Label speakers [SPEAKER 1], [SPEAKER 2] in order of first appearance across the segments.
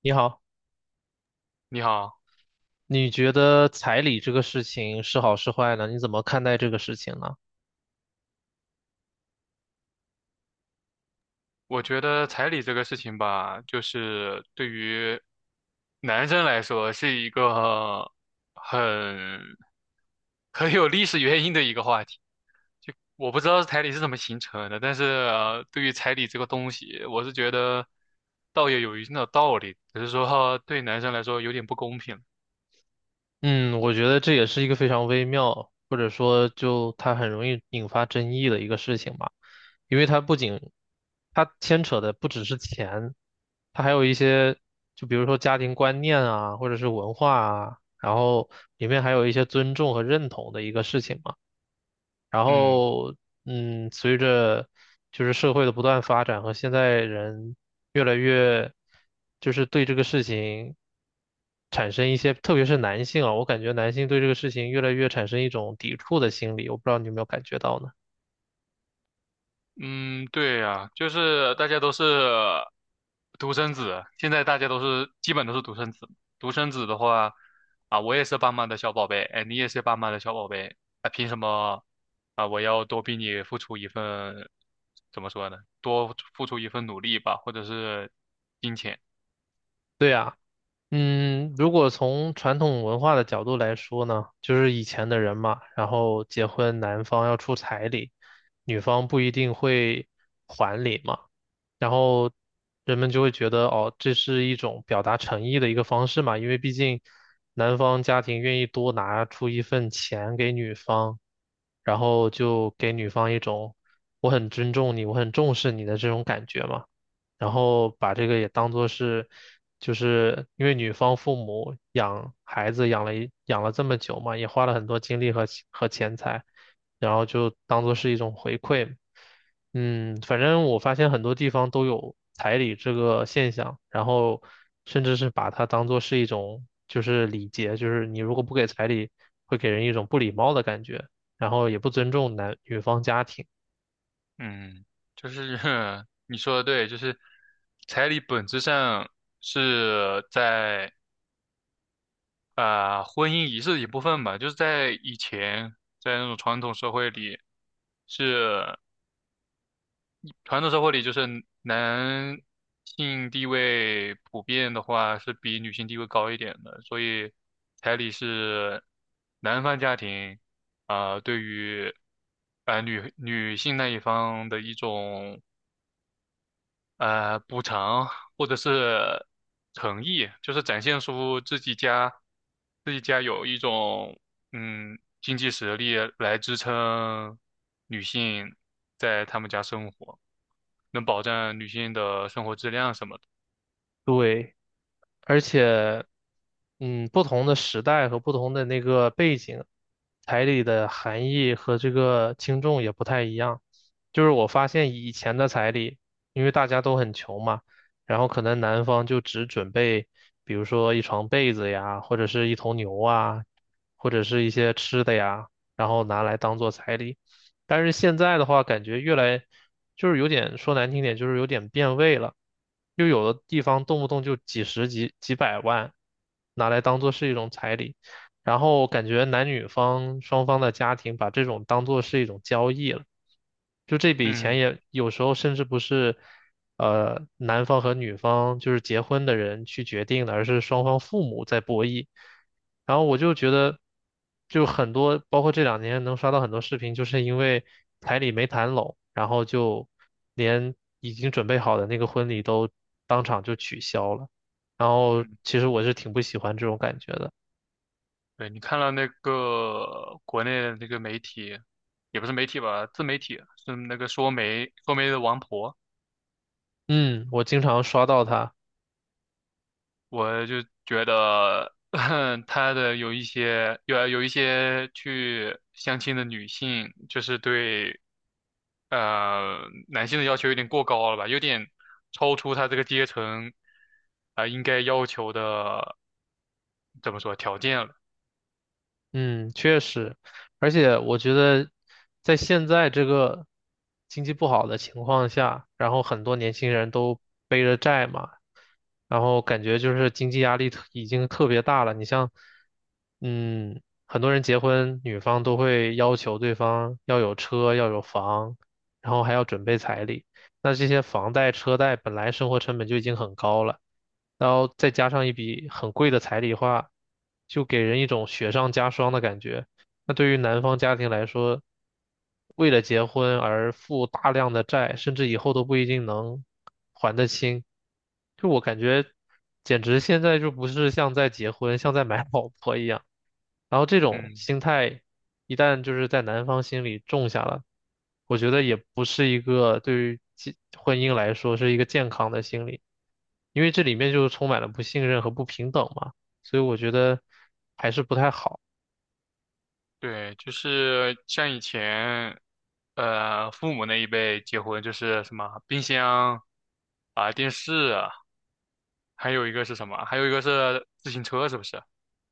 [SPEAKER 1] 你好，
[SPEAKER 2] 你好。
[SPEAKER 1] 你觉得彩礼这个事情是好是坏呢？你怎么看待这个事情呢？
[SPEAKER 2] 我觉得彩礼这个事情吧，就是对于男生来说是一个很很有历史原因的一个话题。就我不知道彩礼是怎么形成的，但是，对于彩礼这个东西，我是觉得倒也有一定的道理，只是说对男生来说有点不公平。
[SPEAKER 1] 嗯，我觉得这也是一个非常微妙，或者说就它很容易引发争议的一个事情吧，因为它牵扯的不只是钱，它还有一些，就比如说家庭观念啊，或者是文化啊，然后里面还有一些尊重和认同的一个事情嘛。然
[SPEAKER 2] 嗯。
[SPEAKER 1] 后，嗯，随着就是社会的不断发展和现在人越来越，就是对这个事情产生一些，特别是男性啊，我感觉男性对这个事情越来越产生一种抵触的心理，我不知道你有没有感觉到呢？
[SPEAKER 2] 嗯，对呀，就是大家都是独生子，现在大家都是基本都是独生子。独生子的话，啊，我也是爸妈的小宝贝，哎，你也是爸妈的小宝贝，啊，凭什么啊？我要多比你付出一份，怎么说呢？多付出一份努力吧，或者是金钱。
[SPEAKER 1] 对啊，嗯，如果从传统文化的角度来说呢，就是以前的人嘛，然后结婚男方要出彩礼，女方不一定会还礼嘛。然后人们就会觉得哦，这是一种表达诚意的一个方式嘛，因为毕竟男方家庭愿意多拿出一份钱给女方，然后就给女方一种我很尊重你，我很重视你的这种感觉嘛。然后把这个也当做是，就是因为女方父母养孩子养了这么久嘛，也花了很多精力和钱财，然后就当做是一种回馈。嗯，反正我发现很多地方都有彩礼这个现象，然后甚至是把它当做是一种就是礼节，就是你如果不给彩礼，会给人一种不礼貌的感觉，然后也不尊重男女方家庭。
[SPEAKER 2] 嗯，就是 你说的对，就是彩礼本质上是在。啊，婚姻仪式的一部分吧，就是在以前，在那种传统社会里，是传统社会里，就是男性地位普遍的话是比女性地位高一点的，所以彩礼是男方家庭对于啊女性那一方的一种补偿或者是诚意，就是展现出自己家有一种经济实力来支撑女性在他们家生活，能保证女性的生活质量什么的。
[SPEAKER 1] 对，而且，嗯，不同的时代和不同的那个背景，彩礼的含义和这个轻重也不太一样。就是我发现以前的彩礼，因为大家都很穷嘛，然后可能男方就只准备，比如说一床被子呀，或者是一头牛啊，或者是一些吃的呀，然后拿来当做彩礼。但是现在的话，感觉越来就是有点说难听点，就是有点变味了。就有的地方动不动就几十几几百万，拿来当做是一种彩礼。然后感觉男女方双方的家庭把这种当做是一种交易了，就这笔钱
[SPEAKER 2] 嗯，
[SPEAKER 1] 也有时候甚至不是，男方和女方就是结婚的人去决定的，而是双方父母在博弈。然后我就觉得，就很多，包括这两年能刷到很多视频，就是因为彩礼没谈拢，然后就连已经准备好的那个婚礼都当场就取消了。然后其实我是挺不喜欢这种感觉的。
[SPEAKER 2] 对，你看了那个国内的那个媒体，也不是媒体吧，自媒体是那个说媒的王婆。
[SPEAKER 1] 嗯，我经常刷到他。
[SPEAKER 2] 我就觉得 他的有一些去相亲的女性，就是对呃男性的要求有点过高了吧，有点超出他这个阶层应该要求的怎么说条件了。
[SPEAKER 1] 嗯，确实，而且我觉得在现在这个经济不好的情况下，然后很多年轻人都背着债嘛，然后感觉就是经济压力已经特别大了。你像，嗯，很多人结婚，女方都会要求对方要有车，要有房，然后还要准备彩礼。那这些房贷、车贷本来生活成本就已经很高了，然后再加上一笔很贵的彩礼花，就给人一种雪上加霜的感觉。那对于男方家庭来说，为了结婚而负大量的债，甚至以后都不一定能还得清。就我感觉，简直现在就不是像在结婚，像在买老婆一样。然后这种
[SPEAKER 2] 嗯。
[SPEAKER 1] 心态一旦就是在男方心里种下了，我觉得也不是一个对于健婚姻来说是一个健康的心理，因为这里面就充满了不信任和不平等嘛，所以我觉得还是不太好。
[SPEAKER 2] 对，就是像以前，呃，父母那一辈结婚就是什么冰箱啊、电视啊，还有一个是什么？还有一个是自行车，是不是？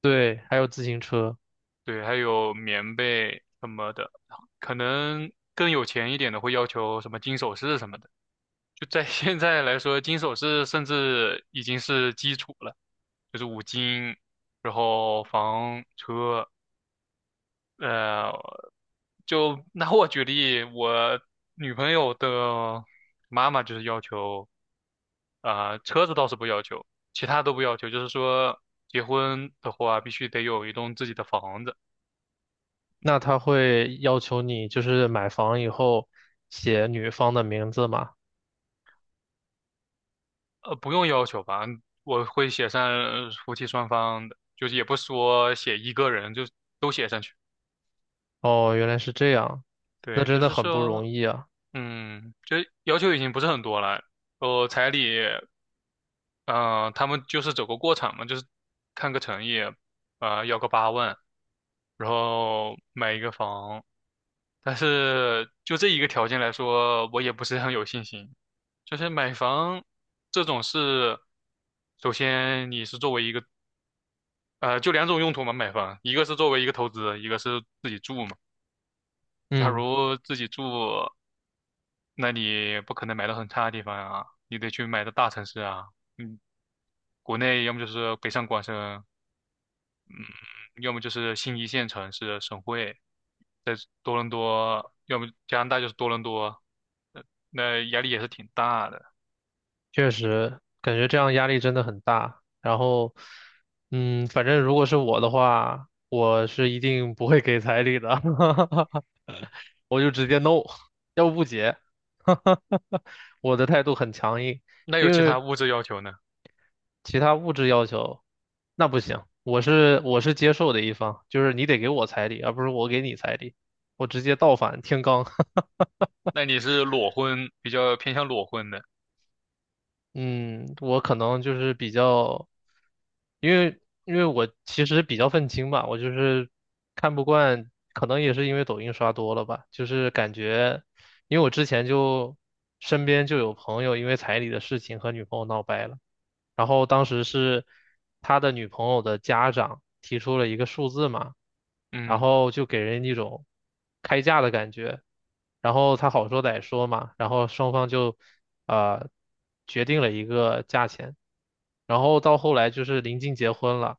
[SPEAKER 1] 对，还有自行车，
[SPEAKER 2] 对，还有棉被什么的，可能更有钱一点的会要求什么金首饰什么的。就在 现在来说，金首饰甚至已经是基础了，就是五金，然后房车。呃，就拿我举例，我女朋友的妈妈就是要求，呃，车子倒是不要求，其他都不要求，就是说结婚的话必须得有一栋自己的房子。
[SPEAKER 1] 那他会要求你就是买房以后写女方的名字嘛？
[SPEAKER 2] 呃，不用要求吧，我会写上夫妻双方的，就是也不说写一个人，就都写上去。
[SPEAKER 1] 哦，原来是这样，那
[SPEAKER 2] 对，
[SPEAKER 1] 真
[SPEAKER 2] 就
[SPEAKER 1] 的
[SPEAKER 2] 是
[SPEAKER 1] 很不容
[SPEAKER 2] 说，
[SPEAKER 1] 易啊。
[SPEAKER 2] 嗯，就要求已经不是很多了，呃，彩礼。他们就是走个过场嘛，就是看个诚意，啊，要个8万，然后买一个房。但是就这一个条件来说，我也不是很有信心。就是买房这种事，首先你是作为一个，就两种用途嘛，买房，一个是作为一个投资，一个是自己住嘛。假
[SPEAKER 1] 嗯。
[SPEAKER 2] 如自己住，那你不可能买到很差的地方啊，你得去买到大城市啊。嗯，国内要么就是北上广深，要么就是新一线城市省会，在多伦多，要么加拿大就是多伦多，呃那压力也是挺大的。
[SPEAKER 1] 确实，感觉这样压力真的很大。然后，嗯，反正如果是我的话，我是一定不会给彩礼的，我就直接 no，要不不结。我的态度很强硬，
[SPEAKER 2] 那有
[SPEAKER 1] 因
[SPEAKER 2] 其他
[SPEAKER 1] 为
[SPEAKER 2] 物质要求呢？
[SPEAKER 1] 其他物质要求那不行，我是接受的一方，就是你得给我彩礼，而不是我给你彩礼，我直接倒反天罡。
[SPEAKER 2] 那你是裸婚，比较偏向裸婚的，
[SPEAKER 1] 嗯，我可能就是比较，因为我其实比较愤青吧，我就是看不惯，可能也是因为抖音刷多了吧，就是感觉，因为我之前就身边就有朋友因为彩礼的事情和女朋友闹掰了。然后当时是他的女朋友的家长提出了一个数字嘛，然
[SPEAKER 2] 嗯，
[SPEAKER 1] 后就给人一种开价的感觉，然后他好说歹说嘛，然后双方就呃决定了一个价钱，然后到后来就是临近结婚了，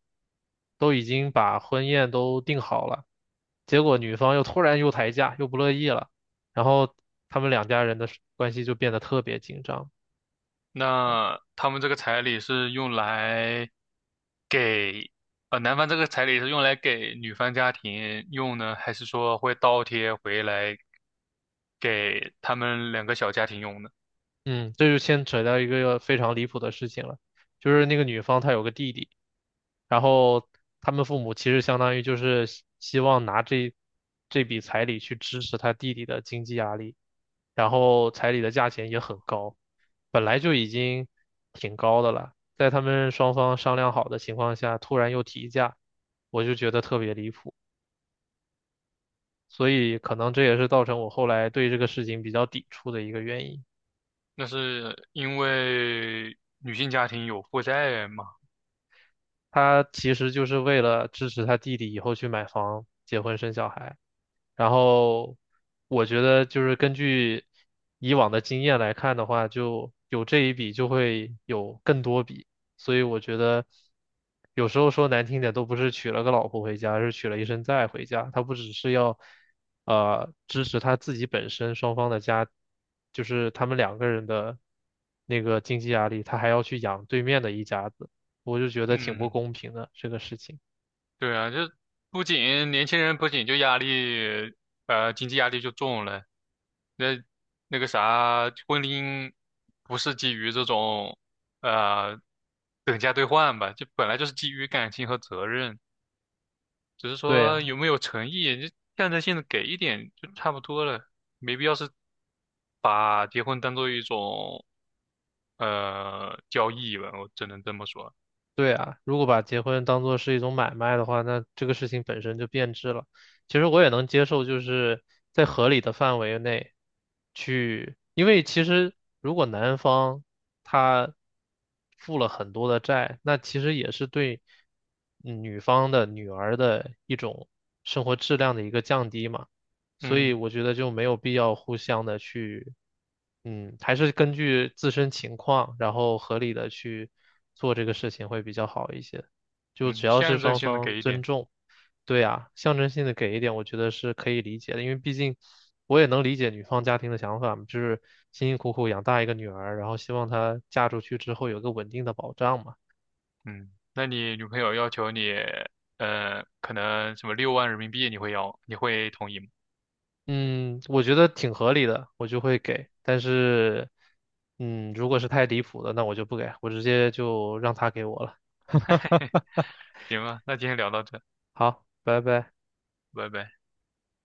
[SPEAKER 1] 都已经把婚宴都定好了，结果女方突然又抬价，又不乐意了，然后他们两家人的关系就变得特别紧张。
[SPEAKER 2] 那他们这个彩礼是用来给，呃，男方这个彩礼是用来给女方家庭用呢，还是说会倒贴回来给他们两个小家庭用呢？
[SPEAKER 1] 嗯，这就牵扯到一个非常离谱的事情了，就是那个女方她有个弟弟，然后他们父母其实相当于就是希望拿这笔彩礼去支持他弟弟的经济压力，然后彩礼的价钱也很高，本来就已经挺高的了，在他们双方商量好的情况下，突然又提价，我就觉得特别离谱，所以可能这也是造成我后来对这个事情比较抵触的一个原因。
[SPEAKER 2] 那是因为女性家庭有负债嘛？
[SPEAKER 1] 他其实就是为了支持他弟弟以后去买房、结婚、生小孩。然后我觉得就是根据以往的经验来看的话，就有这一笔就会有更多笔，所以我觉得有时候说难听点，都不是娶了个老婆回家，而是娶了一身债回家。他不只是要支持他自己本身双方的家，就是他们两个人的那个经济压力，他还要去养对面的一家子。我就觉得挺不
[SPEAKER 2] 嗯，
[SPEAKER 1] 公平的这个事情。
[SPEAKER 2] 对啊，就不仅年轻人不仅就压力，呃，经济压力就重了，那那个啥，婚姻不是基于这种，呃，等价兑换吧，就本来就是基于感情和责任，只是
[SPEAKER 1] 对
[SPEAKER 2] 说
[SPEAKER 1] 呀，
[SPEAKER 2] 有没有诚意，就象征性的给一点就差不多了，没必要是把结婚当做一种交易吧，我只能这么说，
[SPEAKER 1] 对呀，如果把结婚当做是一种买卖的话，那这个事情本身就变质了。其实我也能接受，就是在合理的范围内去，因为其实如果男方他负了很多的债，那其实也是对女方的女儿的一种生活质量的一个降低嘛。所以
[SPEAKER 2] 嗯
[SPEAKER 1] 我觉得就没有必要互相的去，嗯，还是根据自身情况，然后合理的去做这个事情会比较好一些。就
[SPEAKER 2] 嗯，
[SPEAKER 1] 只要是
[SPEAKER 2] 象征
[SPEAKER 1] 双
[SPEAKER 2] 性的
[SPEAKER 1] 方
[SPEAKER 2] 给一
[SPEAKER 1] 尊
[SPEAKER 2] 点。
[SPEAKER 1] 重，对啊，象征性的给一点，我觉得是可以理解的，因为毕竟我也能理解女方家庭的想法嘛，就是辛辛苦苦养大一个女儿，然后希望她嫁出去之后有个稳定的保障嘛。
[SPEAKER 2] 嗯，那你女朋友要求你，呃，可能什么6万人民币，你会要，你会同意吗？
[SPEAKER 1] 嗯，我觉得挺合理的，我就会给。但是，嗯，如果是太离谱的，那我就不给，我直接就让他给我了。
[SPEAKER 2] 行吧，那今天聊到这，
[SPEAKER 1] 好，拜拜。
[SPEAKER 2] 拜拜。